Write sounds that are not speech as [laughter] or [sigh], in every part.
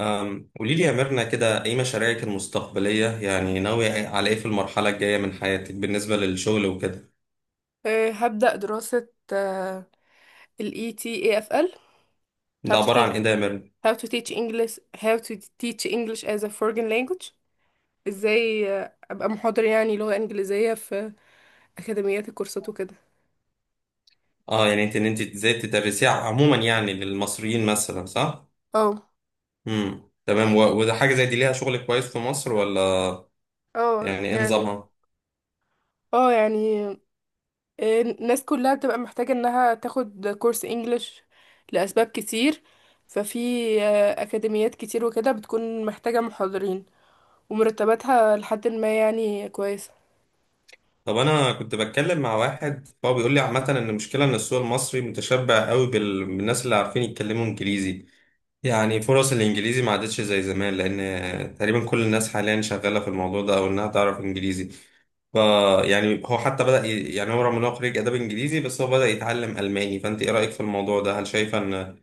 قولي لي يا ميرنا كده ايه مشاريعك المستقبلية، يعني ناوية على ايه في المرحلة الجاية من حياتك بالنسبة للشغل وكده؟ هبدأ دراسة آه، ال ETAFL. how ده to عبارة عن teach ايه ده يا ميرنا؟ how to teach English how to teach English as a foreign language. ازاي ابقى محاضر يعني لغة انجليزية في اكاديميات الكورسات وكده. اه، يعني انت ازاي تدرسيها عموما، يعني للمصريين مثلا، صح؟ اه تمام. وده حاجة زي دي ليها شغل كويس في مصر ولا؟ اه يعني ايه يعني نظامها؟ اه، الناس كلها بتبقى محتاجة انها تاخد كورس انجليش لأسباب كتير. ففي اكاديميات كتير وكده بتكون محتاجة محاضرين، ومرتباتها لحد ما يعني كويسة. طب انا كنت بتكلم مع واحد، فهو بيقول لي عامة ان المشكلة ان السوق المصري متشبع قوي بالناس اللي عارفين يتكلموا انجليزي. يعني فرص الانجليزي ما عادتش زي زمان، لان تقريبا كل الناس حاليا شغاله في الموضوع ده او انها تعرف انجليزي. ف يعني هو حتى يعني هو رغم ان هو خريج اداب انجليزي بس هو بدا يتعلم الماني. فانت ايه رايك في الموضوع ده؟ هل شايفه ان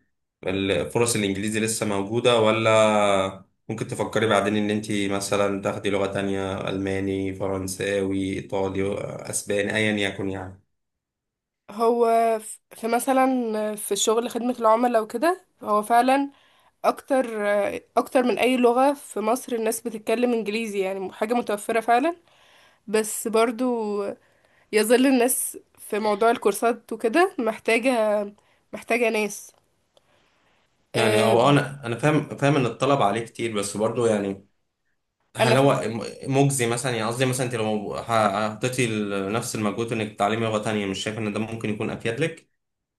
فرص الانجليزي لسه موجوده؟ ولا ممكن تفكري بعدين ان انت مثلا تاخدي لغه تانية، الماني، فرنساوي، ايطالي، اسباني، ايا يكن يعني. هو في مثلا في شغل خدمة العملاء وكده، هو فعلا اكتر اكتر من اي لغة في مصر الناس بتتكلم انجليزي، يعني حاجة متوفرة فعلا، بس برضو يظل الناس في موضوع الكورسات وكده محتاجة ناس. يعني، أه، او ب- انا فاهم ان الطلب عليه كتير، بس برضه يعني، انا هل هو ف- مجزي مثلا؟ يعني قصدي مثلا انت لو حطيتي نفس المجهود انك تتعلمي لغة تانية، مش شايف ان ده ممكن يكون افيد لك،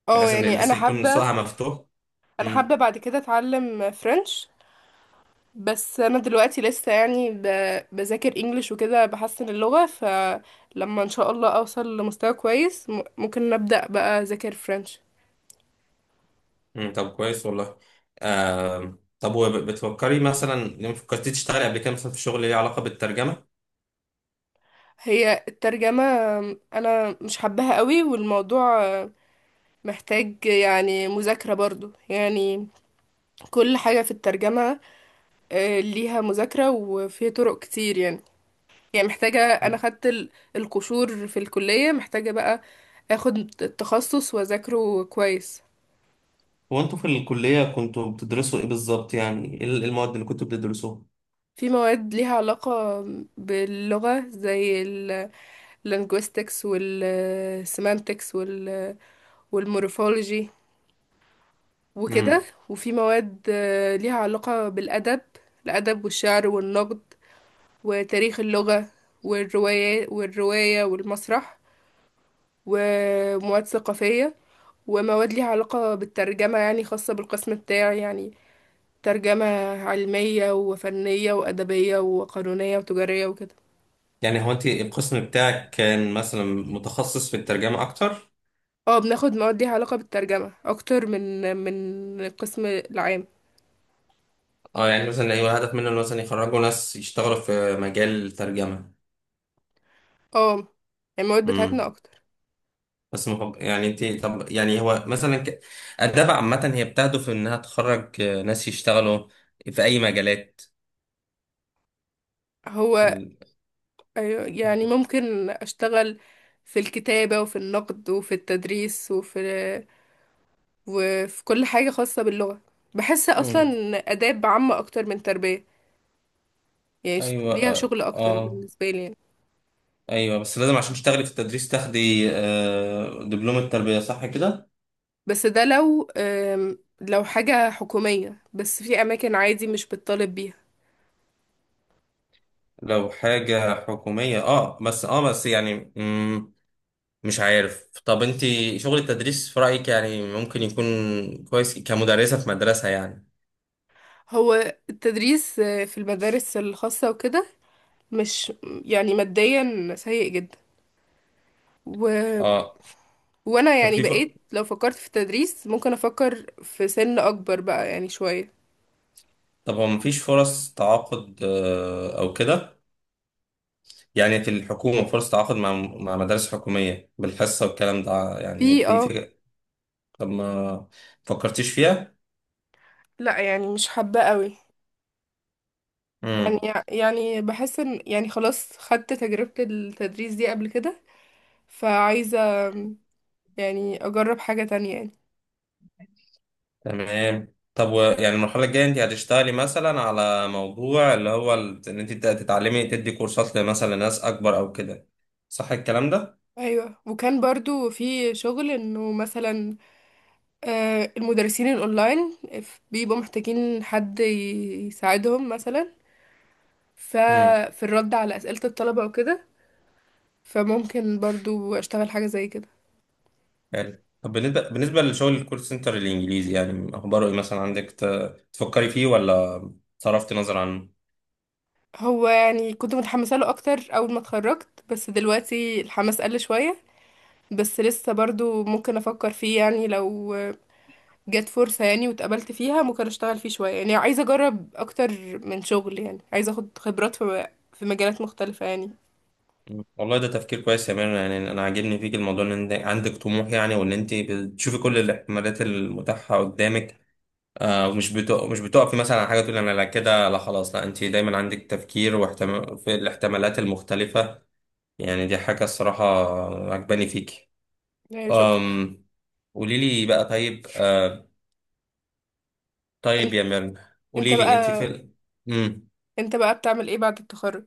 اه بحيث ان يعني انا لسه يكون حابة، سوقها مفتوح؟ امم. بعد كده اتعلم فرنش. بس انا دلوقتي لسه يعني بذاكر انجليش وكده بحسن اللغة، فلما ان شاء الله اوصل لمستوى كويس ممكن نبدأ بقى اذاكر فرنش. طب، كويس والله. طب، وبتفكري مثلا لما فكرتي تشتغلي قبل كده، مثلا في شغل ليه علاقة بالترجمة؟ هي الترجمة انا مش حباها قوي، والموضوع محتاج يعني مذاكرة برضو يعني. كل حاجة في الترجمة ليها مذاكرة وفي طرق كتير يعني. يعني محتاجة، انا مم. خدت القشور في الكلية، محتاجة بقى اخد التخصص واذاكره كويس. هو انتوا في الكلية كنتوا بتدرسوا ايه بالظبط؟ يعني ايه المواد اللي كنتوا بتدرسوها؟ في مواد ليها علاقة باللغة زي ال linguistics وال semantics والمورفولوجي وكده، امم. وفي مواد ليها علاقة بالأدب. الأدب والشعر والنقد وتاريخ اللغة والرواية والمسرح، ومواد ثقافية، ومواد ليها علاقة بالترجمة يعني خاصة بالقسم بتاعي يعني. ترجمة علمية وفنية وأدبية وقانونية وتجارية وكده. يعني، هو انت القسم بتاعك كان مثلا متخصص في الترجمة اكتر؟ اه، بناخد مواد ليها علاقة بالترجمة اكتر من القسم العام. اه، يعني مثلا، ايوه، هدف منه إن مثلا يخرجوا ناس يشتغلوا في مجال الترجمه. اه يعني المواد بتاعتنا امم. اكتر. بس يعني انت، طب، يعني هو مثلا الدفع عامه هي بتهدف انها تخرج ناس يشتغلوا في اي مجالات؟ هو ال- أيوة، يعني ممكن اشتغل في الكتابة وفي النقد وفي التدريس وفي كل حاجة خاصة باللغة. بحس اصلا امم. اداب عامة اكتر من تربية، يعني ايوه، ليها اه، شغل اكتر بالنسبة لي يعني. ايوه، بس لازم عشان تشتغلي في التدريس تاخدي دبلوم التربيه، صح كده؟ بس ده لو لو حاجة حكومية، بس في اماكن عادي مش بتطالب بيها. لو حاجه حكوميه، اه بس يعني، مش عارف. طب انت، شغل التدريس في رأيك يعني ممكن يكون كويس كمدرسة في مدرسة يعني؟ هو التدريس في المدارس الخاصة وكده مش يعني ماديا سيء جدا. و... اه. وانا طب يعني في ف... بقيت لو فكرت في التدريس ممكن افكر في سن اكبر بقى يعني شوية. طب هو مفيش فرص تعاقد او كده؟ يعني في الحكومة فرص تعاقد مع مدارس حكومية بالحصة والكلام ده، يعني في في اه. في طب ما فكرتيش فيها؟ لا، يعني مش حابة قوي. يعني امم. يعني بحس ان يعني خلاص خدت تجربة التدريس دي قبل كده فعايزة يعني اجرب حاجة تانية يعني. تمام. طب، يعني المرحلة الجاية انت هتشتغلي مثلا على موضوع اللي هو ان انت تتعلمي تدي كورسات مثلا لناس اكبر او كده، صح الكلام ده؟ ايوه، وكان برضو في شغل انه مثلا المدرسين الاونلاين بيبقوا محتاجين حد يساعدهم، مثلا ففي الرد على أسئلة الطلبة وكده، فممكن برضو أشتغل حاجة زي كده. يعني طب، بالنسبة لشغل الكول سنتر الإنجليزي، يعني أخباره إيه؟ مثلا عندك تفكري فيه، ولا صرفت نظر عنه؟ هو يعني كنت متحمسة له أكتر أول ما اتخرجت، بس دلوقتي الحماس قل شوية، بس لسه برضو ممكن أفكر فيه يعني، لو جت فرصة يعني واتقبلت فيها ممكن أشتغل فيه شوية، يعني عايزة أجرب أكتر من شغل، يعني عايزة أخد خبرات في مجالات مختلفة يعني. مم. والله ده تفكير كويس يا ميرنا. يعني أنا عاجبني فيك الموضوع إن أنت عندك طموح، يعني، وإن أنت بتشوفي كل الاحتمالات المتاحة قدامك. ومش مش بتقفي مثلا على حاجة تقولي أنا لا، كده لا، خلاص لا. أنت دايما عندك تفكير واحتمال في الاحتمالات المختلفة. يعني دي حاجة الصراحة عجباني فيك. يعني شكرا. أم... قولي لي بقى. طيب، طيب انت يا مرن، انت قولي لي انت في بقى مم. انت بقى بتعمل ايه بعد التخرج؟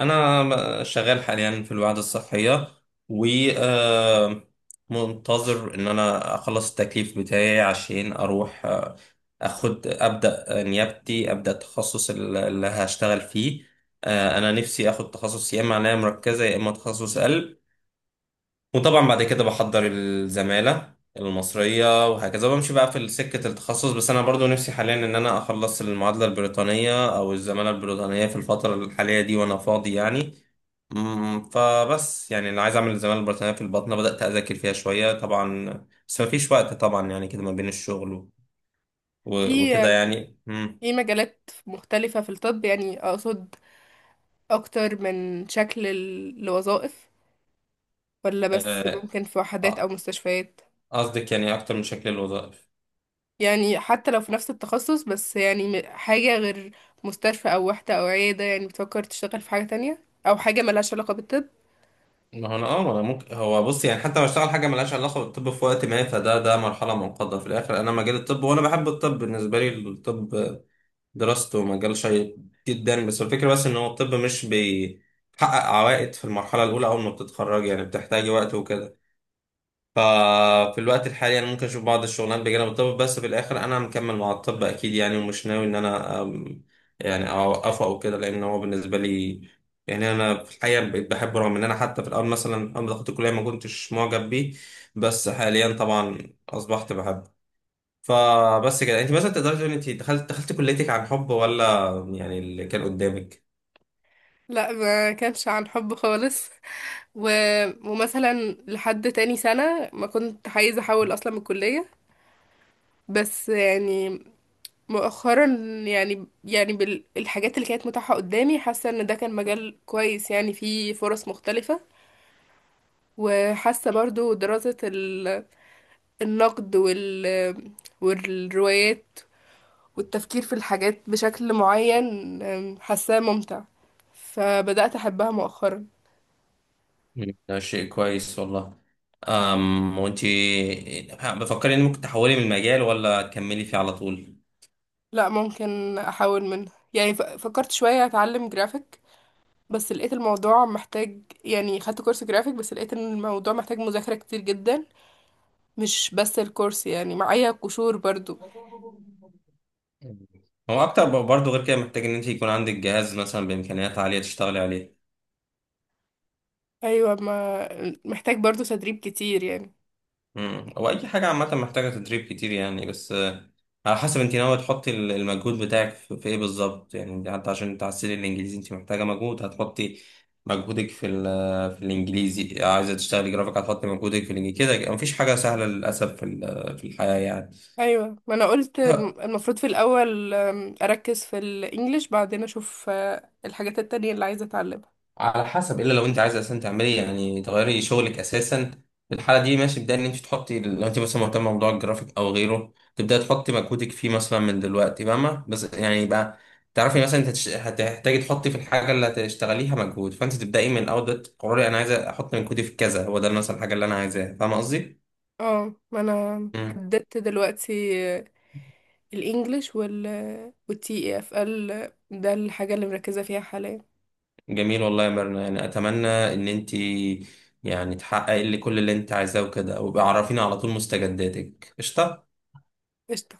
انا شغال حاليا في الوحده الصحيه، و آه، منتظر ان انا اخلص التكليف بتاعي، عشان اروح اخد، ابدا نيابتي، ابدا التخصص اللي هشتغل فيه. انا نفسي اخد تخصص يا اما عنايه مركزه يا اما تخصص قلب. وطبعا بعد كده بحضر الزمالة المصرية وهكذا، بمشي بقى في سكة التخصص. بس أنا برضو نفسي حاليا إن أنا أخلص المعادلة البريطانية أو الزمالة البريطانية في الفترة الحالية دي وأنا فاضي يعني. فبس يعني اللي عايز أعمل الزمالة البريطانية في البطنة، بدأت أذاكر فيها شوية طبعا. بس مفيش وقت طبعا، يعني كده ما بين الشغل وكده في يعني. في مجالات مختلفة في الطب، يعني أقصد اكتر من شكل لوظائف، ولا بس آه، ممكن في وحدات او آه، مستشفيات؟ قصدك يعني أكتر من شكل الوظائف؟ يعني حتى لو في نفس التخصص، بس يعني حاجة غير مستشفى او وحدة او عيادة، يعني بتفكر تشتغل في حاجة تانية او حاجة ملهاش علاقة بالطب؟ ما انا ممكن، هو بص يعني حتى لو اشتغل حاجه ملهاش علاقه بالطب في وقت ما، فده مرحله منقضه. في الاخر انا مجال الطب وانا بحب الطب. بالنسبه لي الطب دراسته مجال شيق جدا. بس الفكره بس ان هو الطب مش بيحقق عوائد في المرحله الاولى اول ما بتتخرج، يعني بتحتاج وقت وكده. ففي الوقت الحالي انا ممكن اشوف بعض الشغلانات بجانب الطب، بس في الاخر انا مكمل مع الطب اكيد يعني، ومش ناوي ان انا يعني اوقفه او كده، لان هو بالنسبه لي، يعني، انا في الحقيقه بقيت بحبه، رغم ان انا حتى في الاول مثلا اول ما دخلت الكليه ما كنتش معجب بيه. بس حاليا طبعا اصبحت بحبه. فبس كده، انت مثلا تقدري تقولي انت دخلت كليتك عن حب ولا؟ يعني اللي كان قدامك. لا، ما كانش عن حب خالص. [laughs] و... ومثلا لحد تاني سنة ما كنت عايزة احول اصلا من الكلية. بس يعني مؤخرا، يعني بالحاجات اللي كانت متاحة قدامي، حاسة ان ده كان مجال كويس يعني فيه فرص مختلفة. وحاسة برضو دراسة النقد والروايات، والتفكير في الحاجات بشكل معين، حاساه ممتع، فبدأت أحبها مؤخرا. ده شيء كويس والله. وانتي بفكري ان ممكن تحولي من المجال ولا تكملي فيه على طول؟ لا، ممكن أحاول منها، يعني فكرت شوية أتعلم جرافيك، بس لقيت الموضوع محتاج، يعني خدت كورس جرافيك بس لقيت إن الموضوع محتاج مذاكرة كتير جدا، مش بس الكورس، يعني معايا قشور برضو. هو اكتر برضه، غير كده محتاج ان انت يكون عندك جهاز مثلا بامكانيات عاليه تشتغلي عليه. أيوة، ما محتاج برضو تدريب كتير يعني. هو اي حاجه عامه محتاجه تدريب كتير يعني، بس على حسب انت ناوي تحطي المجهود بتاعك في ايه بالظبط، يعني انت حتى عشان تعسلي الانجليزي انت محتاجه مجهود، هتحطي مجهودك في الانجليزي، عايزه تشتغلي جرافيك هتحطي مجهودك في الانجليزي، كده مفيش حاجه سهله للاسف في الحياه يعني. ايوه، ما انا قلت المفروض في الاول اركز في الانجليش، بعدين اشوف الحاجات التانية اللي عايزة اتعلمها. على حسب، الا لو انت عايزه اساسا تعملي، يعني تغيري شغلك اساسا، في الحاله دي ماشي، ابداي ان انت تحطي، لو انت مثلا مهتمه بموضوع الجرافيك او غيره تبداي تحطي مجهودك فيه مثلا من دلوقتي، فاهمه؟ بس يعني يبقى تعرفي مثلا انت هتحتاجي تحطي في الحاجه اللي هتشتغليها مجهود، فانت تبداي من الاول دلوقتي تقرري انا عايزه احط مجهودي في كذا، هو ده مثلا الحاجه اللي انا عايزاها، فاهمه قصدي؟ اه، ما انا مم. حددت دلوقتي آه، الانجليش والتي اف ال ده الحاجة اللي مركزة فيها حاليا. جميل والله يا مرنا، يعني اتمنى ان انت يعني تحققي اللي كل اللي انت عايزاه وكده، وابقى عرفيني على طول مستجداتك، قشطه. قشطة.